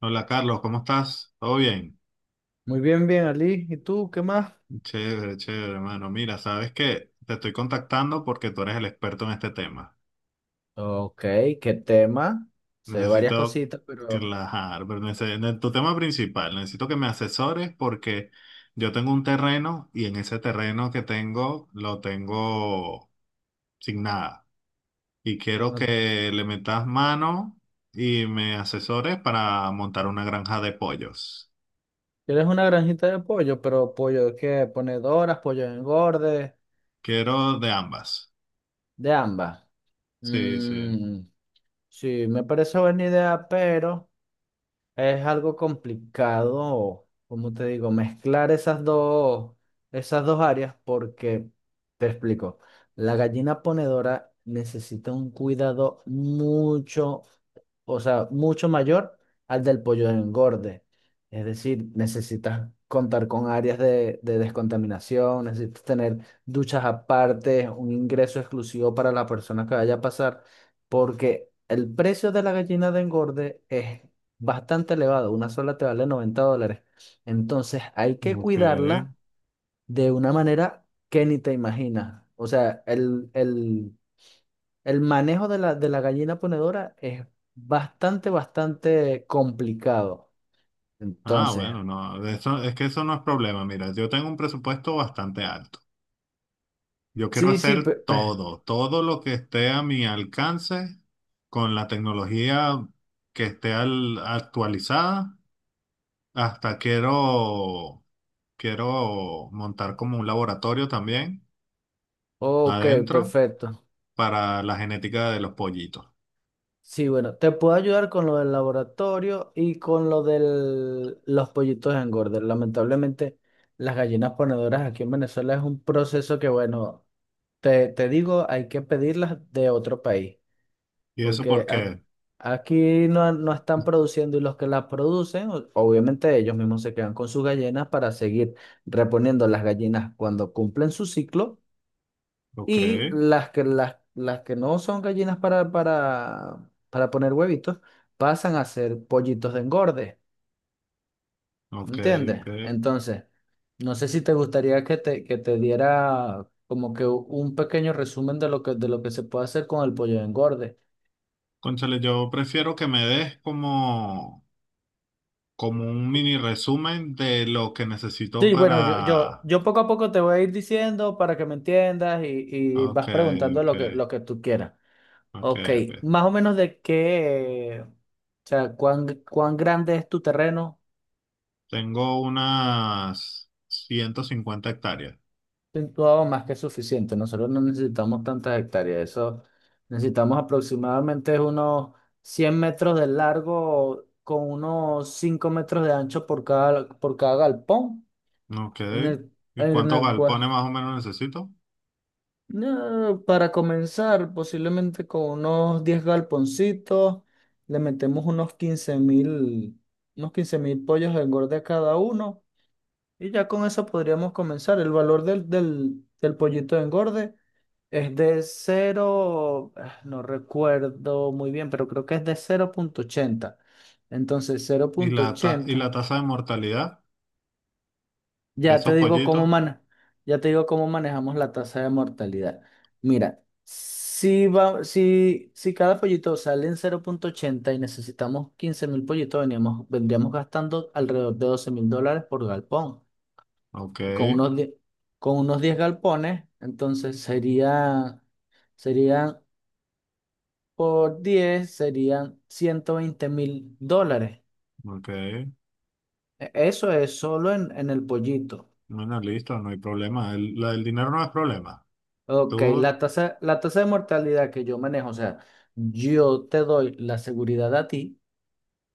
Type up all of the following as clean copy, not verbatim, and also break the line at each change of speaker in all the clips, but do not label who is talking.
Hola Carlos, ¿cómo estás? ¿Todo bien?
Muy bien, bien, Ali. ¿Y tú qué más?
Chévere, chévere, hermano. Mira, sabes que te estoy contactando porque tú eres el experto en este tema.
Ok, ¿qué tema? Sé varias
Necesito
cositas, pero
relajar, pero en tu tema principal, necesito que me asesores porque yo tengo un terreno y en ese terreno que tengo lo tengo sin nada. Y quiero
no.
que le metas mano y me asesores para montar una granja de pollos.
¿Quieres una granjita de pollo? Pero pollo que ponedoras, pollo engorde.
Quiero de ambas.
De ambas.
Sí, sí.
Mm, sí, me parece buena idea, pero es algo complicado, como te digo, mezclar esas dos áreas porque, te explico, la gallina ponedora necesita un cuidado mucho, o sea, mucho mayor al del pollo de engorde. Es decir, necesitas contar con áreas de descontaminación, necesitas tener duchas aparte, un ingreso exclusivo para la persona que vaya a pasar, porque el precio de la gallina de engorde es bastante elevado. Una sola te vale $90. Entonces hay que
Ok.
cuidarla de una manera que ni te imaginas. O sea, el manejo de la gallina ponedora es bastante, bastante complicado.
Ah,
Entonces,
bueno, no, de eso, es que eso no es problema. Mira, yo tengo un presupuesto bastante alto. Yo quiero
sí, sí,
hacer todo, todo lo que esté a mi alcance con la tecnología que esté actualizada. Hasta quiero montar como un laboratorio también
ok,
adentro
perfecto.
para la genética de los pollitos.
Sí, bueno, te puedo ayudar con lo del laboratorio y con lo de los pollitos engordes. Lamentablemente, las gallinas ponedoras aquí en Venezuela es un proceso que, bueno, te digo, hay que pedirlas de otro país,
¿Y eso
porque
por qué?
aquí no están produciendo y los que las producen, obviamente ellos mismos se quedan con sus gallinas para seguir reponiendo las gallinas cuando cumplen su ciclo,
Ok,
y las que no son gallinas para, para poner huevitos pasan a ser pollitos de engorde.
ok,
¿Entiendes?
ok.
Entonces, no sé si te gustaría que te diera como que un pequeño resumen de lo que se puede hacer con el pollo de engorde.
Cónchale, yo prefiero que me des como como un
Co-
mini resumen de lo que necesito
Sí, bueno, yo, yo,
para
yo poco a poco te voy a ir diciendo para que me entiendas, y
Ok,
vas preguntando
ok,
lo que tú quieras.
ok,
Ok,
ok.
más o menos de qué, o sea, cuán grande es tu terreno.
Tengo unas 150 hectáreas.
Situado, más que suficiente. Nosotros no necesitamos tantas hectáreas. Eso, necesitamos aproximadamente unos 100 metros de largo con unos 5 metros de ancho por cada galpón.
Ok.
En el,
¿Y
en
cuántos
el cual,
galpones más o menos necesito?
no, para comenzar, posiblemente con unos 10 galponcitos, le metemos unos quince mil pollos de engorde a cada uno. Y ya con eso podríamos comenzar. El valor del pollito de engorde es de cero, ah, no recuerdo muy bien, pero creo que es de 0,80. Entonces, cero
¿Y
punto ochenta
la tasa de mortalidad de
ya
esos
te digo cómo
pollitos?
mana ya te digo cómo manejamos la tasa de mortalidad. Mira, si va, si, si cada pollito sale en 0,80 y necesitamos 15.000 pollitos, vendríamos gastando alrededor de $12.000 por galpón.
Ok,
Y con unos 10 galpones, entonces serían, por 10 serían $120.000.
ok.
Eso es solo en el pollito.
Bueno, listo, no hay problema. El, la del dinero no es problema.
Ok,
Tú,
la tasa de mortalidad que yo manejo, o sea, yo te doy la seguridad a ti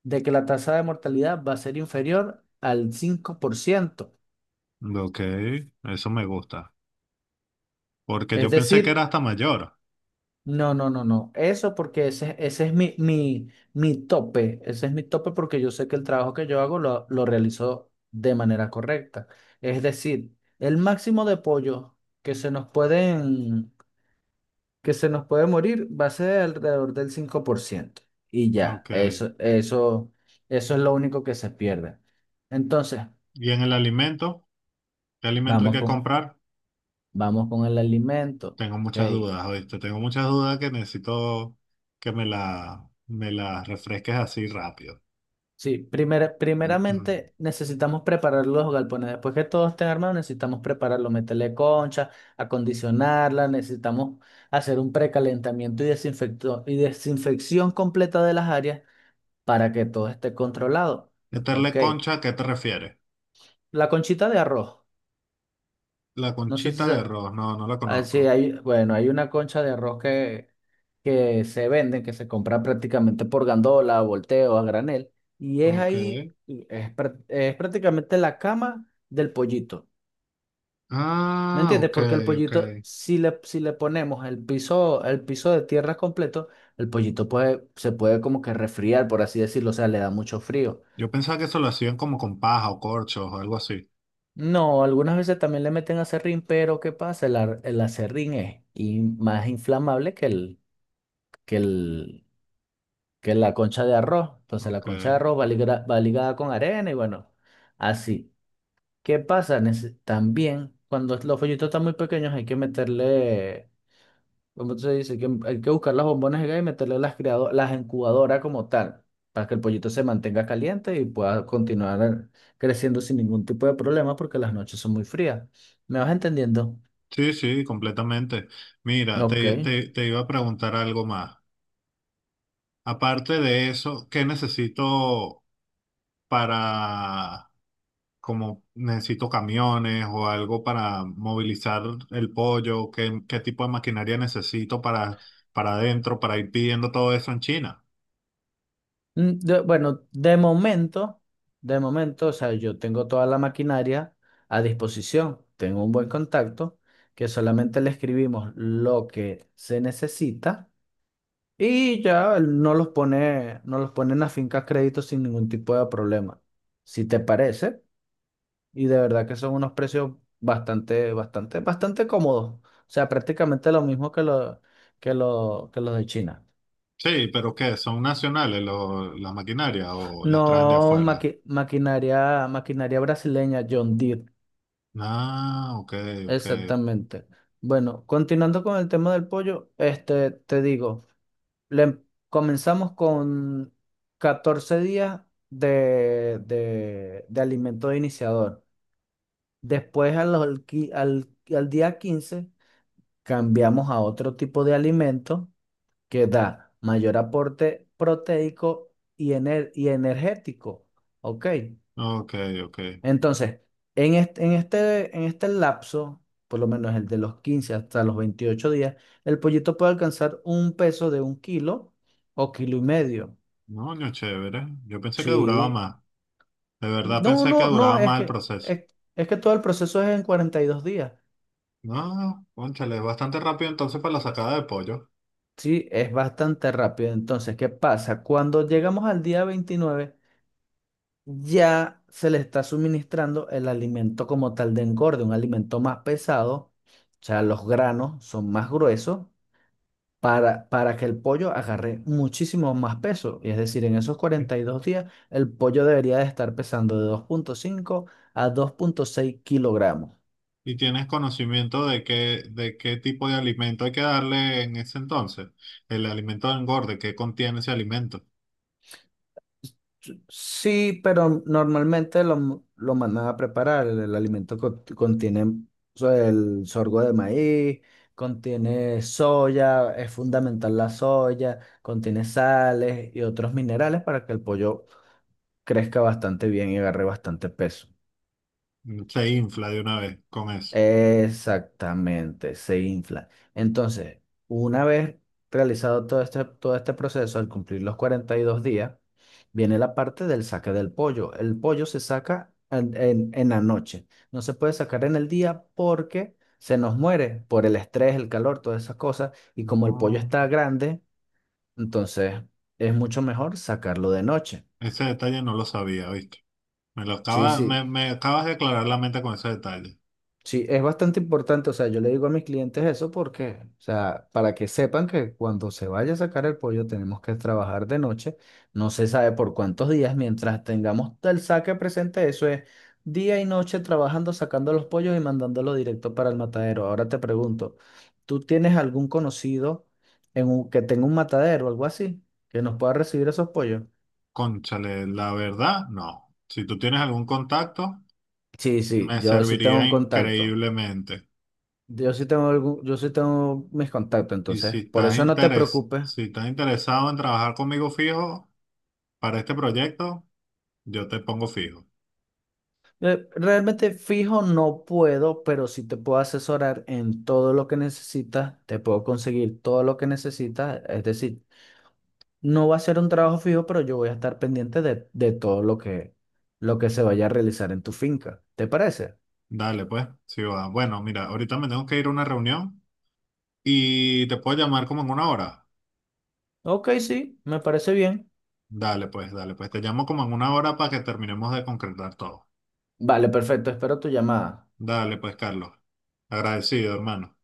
de que la tasa de mortalidad va a ser inferior al 5%.
ok, eso me gusta. Porque
Es
yo pensé que era
decir,
hasta mayor.
no, no, no, no. Eso porque ese es mi tope. Ese es mi tope porque yo sé que el trabajo que yo hago lo realizo de manera correcta. Es decir, el máximo de pollo que se nos pueden, que se nos puede morir va a ser alrededor del 5%. Y ya,
Ok.
eso es lo único que se pierde. Entonces,
¿Y en el alimento? ¿Qué alimento hay
vamos
que
con,
comprar?
vamos con el alimento.
Tengo muchas
Ok.
dudas, ¿oíste? Tengo muchas dudas que necesito que me las refresques así rápido.
Sí, primeramente necesitamos preparar los galpones. Después que todos estén armados, necesitamos prepararlo, meterle concha, acondicionarla, necesitamos hacer un precalentamiento y desinfección completa de las áreas para que todo esté controlado.
Meterle
Ok,
concha, ¿a qué te refieres?
la conchita de arroz,
La
no sé si
conchita de
se...
arroz, no, no la
Ah, sí,
conozco.
bueno, hay una concha de arroz que se venden, que se compra prácticamente por gandola, a volteo, a granel, y es
Ok.
ahí, es prácticamente la cama del pollito. ¿Me
Ah,
entiendes?
ok,
Porque el
ok.
pollito, si le ponemos el piso, de tierra completo, el pollito puede, se puede como que resfriar, por así decirlo, o sea, le da mucho frío.
Yo pensaba que eso lo hacían como con paja o corchos o algo así.
No, algunas veces también le meten aserrín, pero ¿qué pasa? El aserrín es más inflamable que que el, es la concha de arroz. Entonces la
Ok.
concha de arroz va ligada con arena y, bueno, así. ¿Qué pasa? También cuando los follitos están muy pequeños hay que meterle, ¿cómo se dice? Que hay que buscar las bombones de gas y meterle las incubadoras como tal, para que el pollito se mantenga caliente y pueda continuar creciendo sin ningún tipo de problema porque las noches son muy frías. ¿Me vas entendiendo?
Sí, sí, completamente. Mira,
Ok.
te iba a preguntar algo más. Aparte de eso, ¿qué necesito para como necesito camiones o algo para movilizar el pollo, qué tipo de maquinaria necesito para, adentro, para ir pidiendo todo eso en China.
Bueno, de momento, o sea, yo tengo toda la maquinaria a disposición, tengo un buen contacto, que solamente le escribimos lo que se necesita y ya él no los pone, en la finca a crédito sin ningún tipo de problema. Si te parece, y de verdad que son unos precios bastante, bastante, bastante cómodos. O sea, prácticamente lo mismo que los de China.
Sí, pero ¿qué? ¿Son nacionales las maquinarias o las traen de
No,
afuera?
maquinaria brasileña, John Deere,
Ah, ok, ok,
exactamente. Bueno, continuando con el tema del pollo, este, te digo, comenzamos con 14 días de alimento de iniciador. Después a los qui- al, al día 15 cambiamos a otro tipo de alimento que da mayor aporte proteico y energético. Ok.
ok, ok.
Entonces, en este lapso, por lo menos el de los 15 hasta los 28 días, el pollito puede alcanzar un peso de 1 kilo o 1,5 kilos.
No, no, chévere. Yo pensé que duraba
Sí.
más. De verdad
No,
pensé que
no, no,
duraba
es
más el
que,
proceso.
es, es que todo el proceso es en 42 días.
No, cónchale, es bastante rápido entonces para la sacada de pollo.
Sí, es bastante rápido. Entonces, ¿qué pasa? Cuando llegamos al día 29, ya se le está suministrando el alimento como tal de engorde, un alimento más pesado. O sea, los granos son más gruesos para que el pollo agarre muchísimo más peso. Y es decir, en esos 42 días, el pollo debería de estar pesando de 2,5 a 2,6 kilogramos.
¿Y tienes conocimiento de qué tipo de alimento hay que darle en ese entonces? El alimento de engorde, ¿qué contiene ese alimento?
Sí, pero normalmente lo mandan a preparar. El alimento contiene el sorgo de maíz, contiene soya, es fundamental la soya, contiene sales y otros minerales para que el pollo crezca bastante bien y agarre bastante peso.
Se infla de una vez con eso.
Exactamente, se infla. Entonces, una vez realizado todo este proceso, al cumplir los 42 días, viene la parte del saque del pollo. El pollo se saca en la noche. No se puede sacar en el día porque se nos muere por el estrés, el calor, todas esas cosas. Y como el pollo
No.
está grande, entonces es mucho mejor sacarlo de noche.
Ese detalle no lo sabía, ¿viste? Me lo
Sí,
acaba,
sí.
me, me acabas de aclarar la mente con ese detalle.
Sí, es bastante importante, o sea, yo le digo a mis clientes eso porque, o sea, para que sepan que cuando se vaya a sacar el pollo tenemos que trabajar de noche, no se sabe por cuántos días, mientras tengamos el saque presente, eso es día y noche trabajando, sacando los pollos y mandándolos directo para el matadero. Ahora te pregunto, ¿tú tienes algún conocido que tenga un matadero o algo así que nos pueda recibir esos pollos?
Cónchale, la verdad, no. Si tú tienes algún contacto,
Sí, sí,
me
yo sí tengo
serviría
un contacto.
increíblemente.
Yo sí tengo mis contactos,
Y si
entonces, por
estás
eso no te preocupes.
si estás interesado en trabajar conmigo fijo para este proyecto, yo te pongo fijo.
Realmente fijo no puedo, pero sí te puedo asesorar en todo lo que necesitas, te puedo conseguir todo lo que necesitas, es decir, no va a ser un trabajo fijo, pero yo voy a estar pendiente de todo lo que se vaya a realizar en tu finca. ¿Te parece?
Dale, pues. Sí, va. Bueno, mira, ahorita me tengo que ir a una reunión y te puedo llamar como en una hora.
Ok, sí, me parece bien.
Dale, pues, dale, pues. Te llamo como en una hora para que terminemos de concretar todo.
Vale, perfecto, espero tu llamada.
Dale, pues, Carlos. Agradecido, hermano.